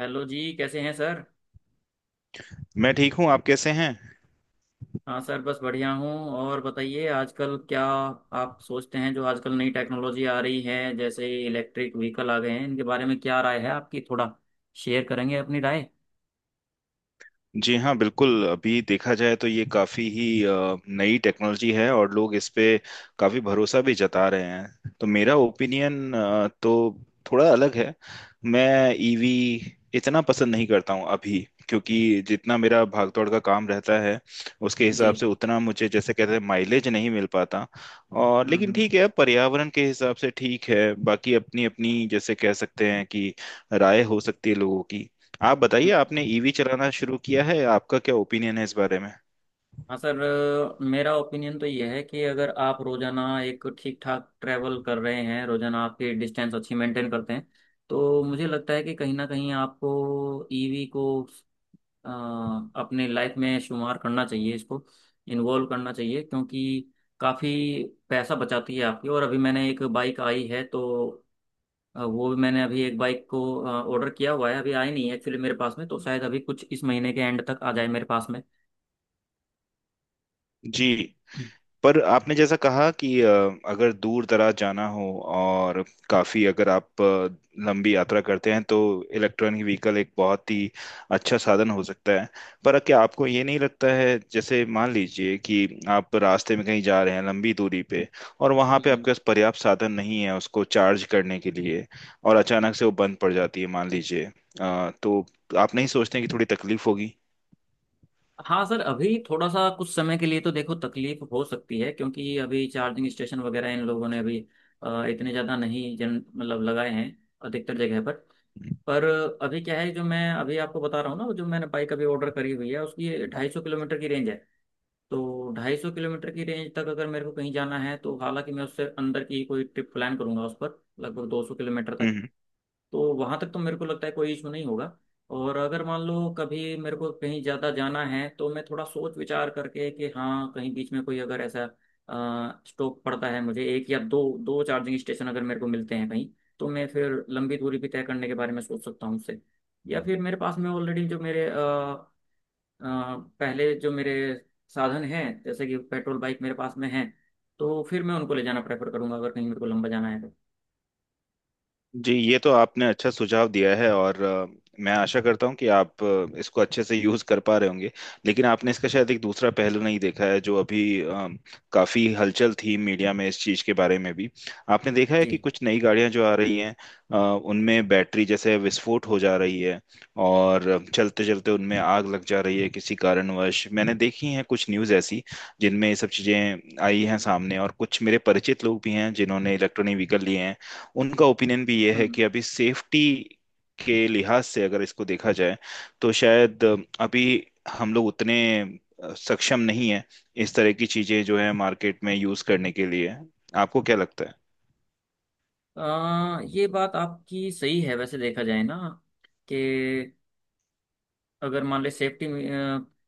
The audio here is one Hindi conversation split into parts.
हेलो जी, कैसे हैं सर। मैं ठीक हूँ। आप कैसे हैं? हाँ सर, बस बढ़िया हूँ। और बताइए आजकल क्या आप सोचते हैं जो आजकल नई टेक्नोलॉजी आ रही है, जैसे इलेक्ट्रिक व्हीकल आ गए हैं, इनके बारे में क्या राय है आपकी? थोड़ा शेयर करेंगे अपनी राय। जी हाँ, बिल्कुल। अभी देखा जाए तो ये काफ़ी ही नई टेक्नोलॉजी है और लोग इस पे काफ़ी भरोसा भी जता रहे हैं। तो मेरा ओपिनियन तो थोड़ा अलग है। मैं ईवी इतना पसंद नहीं करता हूँ अभी, क्योंकि जितना मेरा भागदौड़ का काम रहता है, उसके जी। हिसाब से उतना मुझे, जैसे कहते हैं, माइलेज नहीं मिल पाता। और हम्म, लेकिन हम्म, ठीक है, पर्यावरण के हिसाब से ठीक है। बाकी अपनी अपनी, जैसे कह सकते हैं कि, राय हो सकती है लोगों की। आप बताइए, हम्म। आपने ईवी चलाना शुरू किया है, आपका क्या ओपिनियन है इस बारे में? हाँ सर, मेरा ओपिनियन तो ये है कि अगर आप रोज़ाना एक ठीक ठाक ट्रैवल कर रहे हैं, रोज़ाना आपकी डिस्टेंस अच्छी मेंटेन करते हैं, तो मुझे लगता है कि कहीं ना कहीं आपको ईवी को अ, अपने लाइफ में शुमार करना चाहिए, इसको इन्वॉल्व करना चाहिए, क्योंकि काफ़ी पैसा बचाती है आपकी। और अभी मैंने एक बाइक आई है, तो वो भी मैंने अभी एक बाइक को ऑर्डर किया हुआ है, अभी आई नहीं है एक्चुअली मेरे पास में, तो शायद अभी कुछ इस महीने के एंड तक आ जाए मेरे पास में। जी, हम्म, पर आपने जैसा कहा कि अगर दूर दराज जाना हो और काफ़ी, अगर आप लंबी यात्रा करते हैं, तो इलेक्ट्रॉनिक व्हीकल एक बहुत ही अच्छा साधन हो सकता है। पर क्या आपको ये नहीं लगता है, जैसे मान लीजिए कि आप रास्ते में कहीं जा रहे हैं लंबी दूरी पे, और वहाँ पे हम्म। आपके पास पर्याप्त साधन नहीं है उसको चार्ज करने के लिए, और अचानक से वो बंद पड़ जाती है मान लीजिए, तो आप नहीं सोचते कि थोड़ी तकलीफ होगी? हाँ सर, अभी थोड़ा सा कुछ समय के लिए तो देखो तकलीफ हो सकती है, क्योंकि अभी चार्जिंग स्टेशन वगैरह इन लोगों ने अभी इतने ज़्यादा नहीं जन मतलब लगाए हैं अधिकतर जगह पर। हम्म। पर अभी क्या है जो मैं अभी आपको बता रहा हूँ ना, वो जो मैंने बाइक अभी ऑर्डर करी हुई है, उसकी 250 किलोमीटर की रेंज है। तो 250 किलोमीटर की रेंज तक अगर मेरे को कहीं जाना है, तो हालांकि मैं उससे अंदर की कोई ट्रिप प्लान करूंगा उस पर, लगभग 200 किलोमीटर तक। हम्म। तो वहां तक तो मेरे को लगता है कोई इशू नहीं होगा। और अगर मान लो कभी मेरे को कहीं ज्यादा जाना है, तो मैं थोड़ा सोच विचार करके कि हाँ, कहीं बीच में कोई अगर ऐसा स्टॉप पड़ता है, मुझे एक या दो दो चार्जिंग स्टेशन अगर मेरे को मिलते हैं कहीं, तो मैं फिर लंबी दूरी भी तय करने के बारे में सोच सकता हूँ उससे। या फिर मेरे पास में ऑलरेडी जो मेरे अ, पहले जो मेरे साधन हैं, जैसे कि पेट्रोल बाइक मेरे पास में है, तो फिर मैं उनको ले जाना प्रेफर करूंगा अगर कहीं मेरे को लंबा जाना है तो। जी, ये तो आपने अच्छा सुझाव दिया है। और मैं आशा करता हूँ कि आप इसको अच्छे से यूज कर पा रहे होंगे। लेकिन आपने इसका शायद एक दूसरा पहलू नहीं देखा है। जो अभी काफी हलचल थी मीडिया में इस चीज के बारे में भी, आपने देखा है जी। कि कुछ नई गाड़ियां जो आ रही हैं, अ, उनमें बैटरी जैसे विस्फोट हो जा रही है और चलते चलते उनमें आग लग जा रही है किसी कारणवश। मैंने देखी हैं कुछ न्यूज़ ऐसी जिनमें ये सब चीजें आई हैं सामने, और कुछ मेरे परिचित लोग भी हैं जिन्होंने इलेक्ट्रॉनिक व्हीकल लिए हैं। उनका ओपिनियन भी ये है हम्म। कि अभी सेफ्टी के लिहाज से अगर इसको देखा जाए, तो शायद अभी हम लोग उतने सक्षम नहीं है इस तरह की चीजें जो है मार्केट में यूज करने के लिए। आपको क्या लगता ये बात आपकी सही है, वैसे देखा जाए ना, कि अगर मान ले सेफ्टी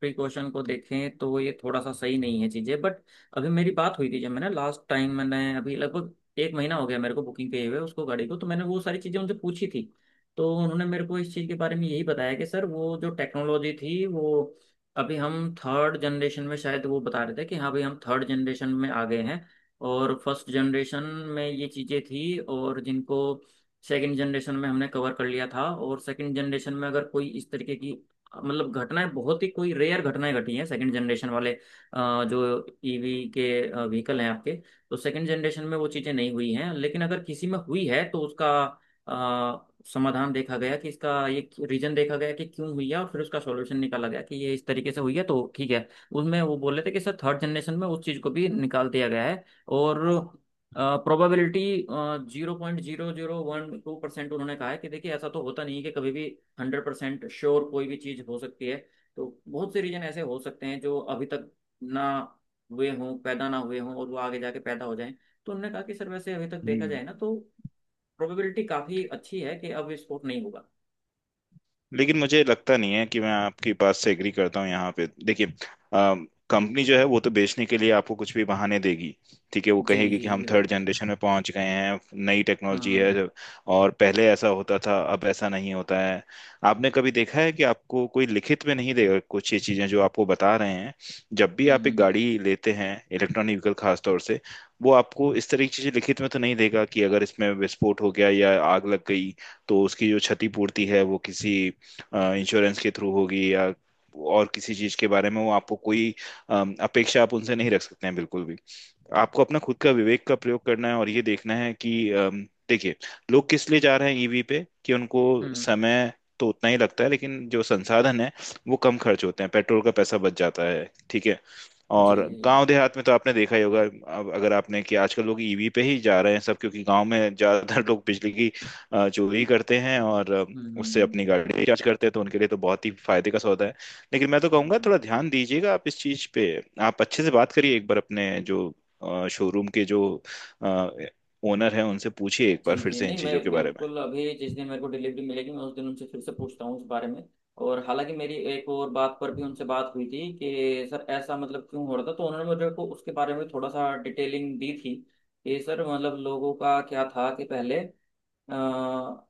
प्रिकॉशन को देखें तो ये थोड़ा सा सही नहीं है चीज़ें, बट अभी मेरी बात हुई थी जब मैंने लास्ट टाइम, मैंने अभी लगभग एक महीना हो गया मेरे को बुकिंग किए हुए उसको गाड़ी को, तो मैंने वो सारी चीज़ें उनसे पूछी थी। तो उन्होंने मेरे को इस चीज़ के बारे में यही बताया कि सर वो जो टेक्नोलॉजी थी, वो अभी हम थर्ड जनरेशन में, शायद वो बता रहे थे कि हाँ भाई हम थर्ड जनरेशन में आ गए हैं, और फर्स्ट जनरेशन में ये चीज़ें थी, और जिनको सेकंड जनरेशन में हमने कवर कर लिया था। और सेकंड जनरेशन में अगर कोई इस तरीके की मतलब घटनाएं, बहुत ही कोई रेयर घटनाएं घटी हैं सेकंड जनरेशन वाले जो ईवी के व्हीकल हैं आपके। तो सेकंड जनरेशन में वो चीज़ें नहीं हुई हैं, लेकिन अगर किसी में हुई है तो उसका समाधान देखा गया कि इसका ये रीजन देखा गया कि क्यों हुई है, और फिर उसका सॉल्यूशन निकाला गया कि ये इस तरीके से हुई है तो ठीक है। उसमें वो बोल रहे थे कि सर थर्ड जनरेशन में उस चीज़ को भी निकाल दिया गया है, और प्रोबेबिलिटी 0.012%। उन्होंने कहा है कि देखिए ऐसा तो होता नहीं है कि कभी भी 100% श्योर कोई भी चीज़ हो सकती है। तो बहुत से रीजन ऐसे हो सकते हैं जो अभी तक ना हुए हों, पैदा ना हुए हों, और वो आगे जाके पैदा हो जाएं। तो उन्होंने कहा कि सर वैसे अभी तक है? देखा जाए ना तो प्रोबेबिलिटी काफ़ी अच्छी है कि अब विस्फोट नहीं होगा। लेकिन मुझे लगता नहीं है कि मैं आपकी बात से एग्री करता हूँ यहाँ पे। देखिए, कंपनी जो है वो तो बेचने के लिए आपको कुछ भी बहाने देगी। ठीक है, वो जी कहेगी कि जी जी, हम थर्ड बिल्कुल। जनरेशन में पहुंच गए हैं, नई टेक्नोलॉजी हम्म, है, और पहले ऐसा होता था, अब ऐसा नहीं होता है। आपने कभी देखा है कि आपको कोई लिखित में नहीं देगा कुछ ये चीजें जो आपको बता रहे हैं। जब भी आप एक हम्म, गाड़ी लेते हैं, इलेक्ट्रॉनिक व्हीकल खास तौर से, वो आपको इस तरह की चीजें लिखित में तो नहीं देगा कि अगर इसमें विस्फोट हो गया या आग लग गई तो उसकी जो क्षतिपूर्ति है वो किसी इंश्योरेंस के थ्रू होगी, या और किसी चीज के बारे में वो आपको कोई अपेक्षा आप उनसे नहीं रख सकते हैं बिल्कुल भी। आपको अपना खुद का विवेक का प्रयोग करना है, और ये देखना है कि देखिए, लोग किस लिए जा रहे हैं ईवी पे? कि उनको हम्म। समय तो उतना ही लगता है, लेकिन जो संसाधन है वो कम खर्च होते हैं, पेट्रोल का पैसा बच जाता है। ठीक है, और जी जी। गांव देहात में तो आपने देखा ही होगा, अब अगर आपने, कि आजकल लोग ईवी पे ही जा रहे हैं सब, क्योंकि गांव में ज्यादातर लोग बिजली की चोरी करते हैं और हम्म, हम्म, उससे अपनी गाड़ी रिचार्ज करते हैं। तो उनके लिए तो बहुत ही फायदे का सौदा है। लेकिन मैं तो कहूंगा, हम्म। थोड़ा ध्यान दीजिएगा आप इस चीज पे। आप अच्छे से बात करिए एक बार, अपने जो शोरूम के जो ओनर हैं उनसे पूछिए एक जी बार फिर जी, से इन नहीं चीजों मैं के बारे में। बिल्कुल, अभी जिस दिन मेरे को डिलीवरी मिलेगी, मैं उस दिन उनसे फिर से पूछता हूँ उस बारे में। और हालांकि मेरी एक और बात पर भी उनसे बात हुई थी कि सर ऐसा मतलब क्यों हो रहा था, तो उन्होंने मुझे को उसके बारे में थोड़ा सा डिटेलिंग दी थी कि सर मतलब लोगों का क्या था कि पहले अ,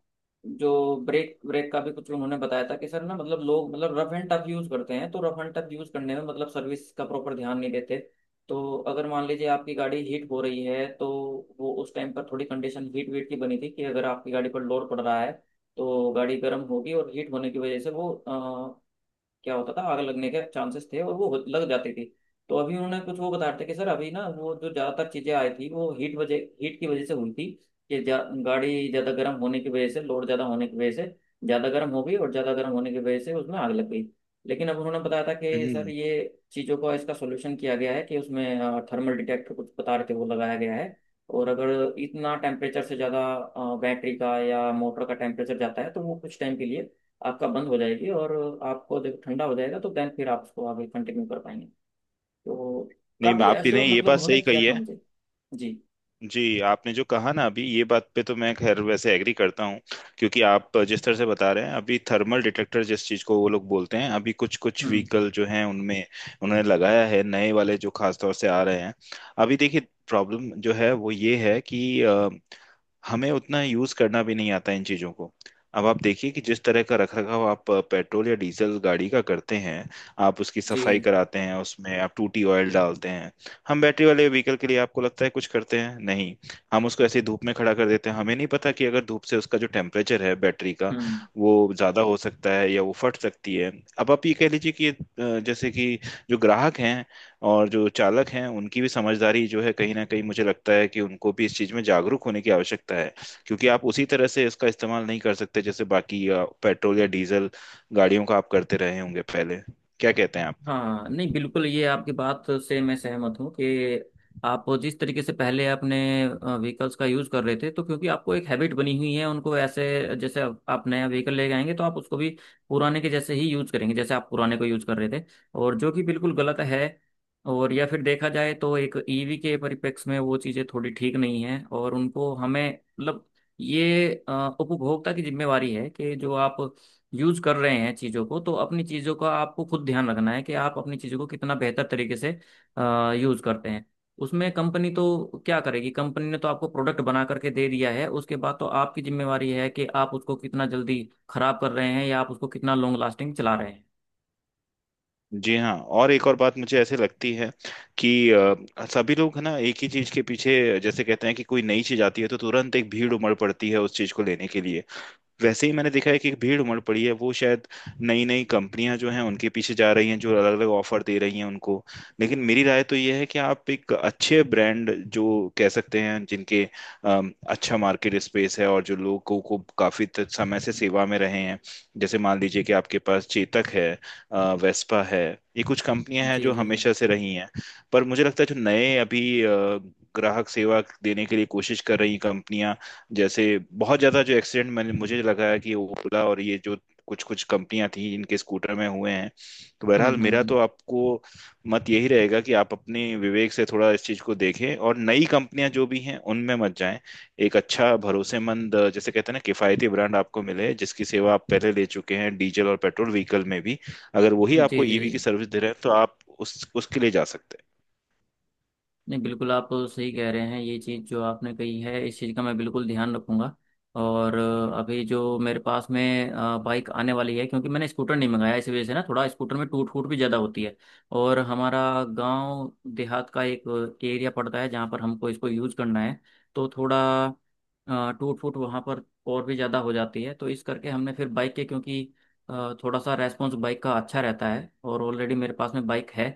जो ब्रेक ब्रेक का भी कुछ उन्होंने बताया था कि सर ना, मतलब लोग मतलब रफ एंड टफ यूज करते हैं, तो रफ एंड टफ यूज करने में मतलब सर्विस का प्रॉपर ध्यान नहीं देते। तो अगर मान लीजिए आपकी गाड़ी हीट हो रही है, तो वो उस टाइम पर थोड़ी कंडीशन हीट वीट की बनी थी कि अगर आपकी गाड़ी पर लोड पड़ रहा है तो गाड़ी गर्म होगी, और हीट होने की वजह से वो क्या होता था, आग लगने के चांसेस थे, और वो लग जाती थी। तो अभी उन्होंने कुछ वो बता रहे थे कि सर अभी ना वो जो ज्यादातर चीजें आई थी वो हीट की वजह से हुई थी। कि गाड़ी ज्यादा गर्म होने की वजह से, लोड ज्यादा होने की वजह से ज्यादा गर्म हो गई, और ज्यादा गर्म होने की वजह से उसमें आग लग गई। लेकिन अब उन्होंने बताया था कि सर हम्म, ये चीजों का इसका सोल्यूशन किया गया है कि उसमें थर्मल डिटेक्टर, कुछ बता रहे थे, वो लगाया गया है। और अगर इतना टेम्परेचर से ज्यादा बैटरी का या मोटर का टेम्परेचर जाता है, तो वो कुछ टाइम के लिए आपका बंद हो जाएगी, और आपको जब ठंडा हो जाएगा तो देन फिर आप उसको आगे कंटिन्यू कर पाएंगे। तो नहीं, काफ़ी आप भी एश्योर नहीं, ये मतलब बात उन्होंने सही किया कही था है। मुझे। जी। जी, आपने जो कहा ना अभी, ये बात पे तो मैं खैर वैसे एग्री करता हूँ। क्योंकि आप जिस तरह से बता रहे हैं, अभी थर्मल डिटेक्टर जिस चीज़ को वो लोग बोलते हैं, अभी कुछ कुछ हम्म। व्हीकल जो हैं उनमें उन्होंने लगाया है, नए वाले जो खास तौर से आ रहे हैं। अभी देखिए, प्रॉब्लम जो है वो ये है कि हमें उतना यूज करना भी नहीं आता इन चीजों को। अब आप देखिए कि जिस तरह का रखरखाव आप पेट्रोल या डीजल गाड़ी का करते हैं, आप उसकी जी। सफाई कराते हैं, उसमें आप टूटी ऑयल डालते हैं। हम बैटरी वाले व्हीकल के लिए आपको लगता है कुछ करते हैं? नहीं। हम उसको ऐसे ही धूप में खड़ा कर देते हैं। हमें नहीं पता कि अगर धूप से उसका जो टेम्परेचर है बैटरी का, हम्म। वो ज्यादा हो सकता है या वो फट सकती है। अब आप ये कह लीजिए कि ये, जैसे कि जो ग्राहक हैं और जो चालक हैं, उनकी भी समझदारी जो है, कहीं ना कहीं मुझे लगता है कि उनको भी इस चीज़ में जागरूक होने की आवश्यकता है। क्योंकि आप उसी तरह से इसका इस्तेमाल नहीं कर सकते जैसे बाकी पेट्रोल या डीजल गाड़ियों का आप करते रहे होंगे पहले। क्या कहते हैं आप? हाँ, नहीं बिल्कुल, ये आपकी बात से मैं सहमत हूँ कि आप जिस तरीके से पहले अपने व्हीकल्स का यूज़ कर रहे थे, तो क्योंकि आपको एक हैबिट बनी हुई है उनको ऐसे, जैसे आप नया व्हीकल लेके आएंगे तो आप उसको भी पुराने के जैसे ही यूज़ करेंगे जैसे आप पुराने को यूज़ कर रहे थे, और जो कि बिल्कुल गलत है। और या फिर देखा जाए तो एक ईवी के परिप्रेक्ष्य में वो चीज़ें थोड़ी ठीक नहीं हैं, और उनको हमें मतलब ये उपभोक्ता की जिम्मेवारी है कि जो आप यूज कर रहे हैं चीज़ों को, तो अपनी चीज़ों का आपको खुद ध्यान रखना है कि आप अपनी चीज़ों को कितना बेहतर तरीके से यूज करते हैं। उसमें कंपनी तो क्या करेगी, कंपनी ने तो आपको प्रोडक्ट बना करके दे दिया है, उसके बाद तो आपकी जिम्मेवारी है कि आप उसको कितना जल्दी खराब कर रहे हैं, या आप उसको कितना लॉन्ग लास्टिंग चला रहे हैं। जी हाँ, और एक और बात मुझे ऐसे लगती है कि सभी लोग है ना एक ही चीज़ के पीछे, जैसे कहते हैं कि कोई नई चीज़ आती है तो तुरंत एक भीड़ उमड़ पड़ती है उस चीज़ को लेने के लिए। वैसे ही मैंने देखा है कि भीड़ उमड़ पड़ी है, वो शायद नई नई कंपनियां जो हैं उनके पीछे जा रही हैं, जो अलग अलग ऑफर दे रही हैं उनको। लेकिन मेरी राय तो ये है कि आप एक अच्छे ब्रांड, जो कह सकते हैं जिनके अच्छा मार्केट स्पेस है और जो लोगों को काफी समय से सेवा में रहे हैं, जैसे मान लीजिए कि आपके पास चेतक है, वेस्पा है, ये कुछ कंपनियां हैं जी जो जी जी। हमेशा से रही हैं। पर मुझे लगता है जो नए अभी ग्राहक सेवा देने के लिए कोशिश कर रही कंपनियां, जैसे बहुत ज्यादा जो एक्सीडेंट, मैंने, मुझे लगा है कि ओला और ये जो कुछ कुछ कंपनियां थी, इनके स्कूटर में हुए हैं। तो हम्म, बहरहाल, हम्म, मेरा हम्म। तो आपको मत यही रहेगा कि आप अपने विवेक से थोड़ा इस चीज को देखें, और नई कंपनियां जो भी हैं उनमें मत जाएं। एक अच्छा भरोसेमंद, जैसे कहते हैं ना, किफायती ब्रांड आपको मिले जिसकी सेवा आप पहले ले चुके हैं डीजल और पेट्रोल व्हीकल में भी, अगर वही जी जी आपको ईवी की जी, सर्विस दे रहे हैं तो आप उस उसके लिए जा सकते नहीं बिल्कुल आप सही कह रहे हैं, ये चीज़ जो आपने कही है इस चीज़ का मैं बिल्कुल ध्यान रखूंगा। और अभी जो मेरे पास में बाइक आने वाली है, क्योंकि मैंने स्कूटर नहीं मंगाया इस वजह से ना, थोड़ा स्कूटर में टूट फूट भी ज़्यादा होती है, और हमारा गांव देहात का एक एरिया पड़ता है जहाँ पर हमको इसको यूज करना है, तो थोड़ा टूट फूट वहाँ पर और भी ज़्यादा हो जाती है, तो इस करके हमने फिर बाइक के, क्योंकि थोड़ा सा रेस्पॉन्स बाइक का अच्छा रहता है, और ऑलरेडी मेरे पास में बाइक है,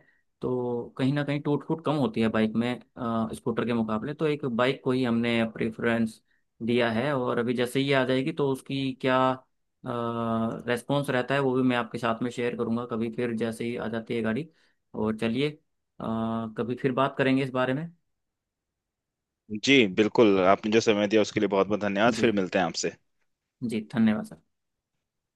तो कहीं ना कहीं टूट फूट कम होती है बाइक में स्कूटर के मुकाबले, तो एक बाइक को ही हमने प्रेफरेंस दिया है। और अभी जैसे ही आ जाएगी तो उसकी क्या रेस्पॉन्स रहता है वो भी मैं आपके साथ में शेयर करूंगा कभी फिर, जैसे ही आ जाती है गाड़ी। और चलिए कभी फिर बात करेंगे इस बारे में। हैं। जी, बिल्कुल। आपने जो समय दिया उसके लिए बहुत बहुत धन्यवाद। जी फिर मिलते हैं आपसे। जी, धन्यवाद सर।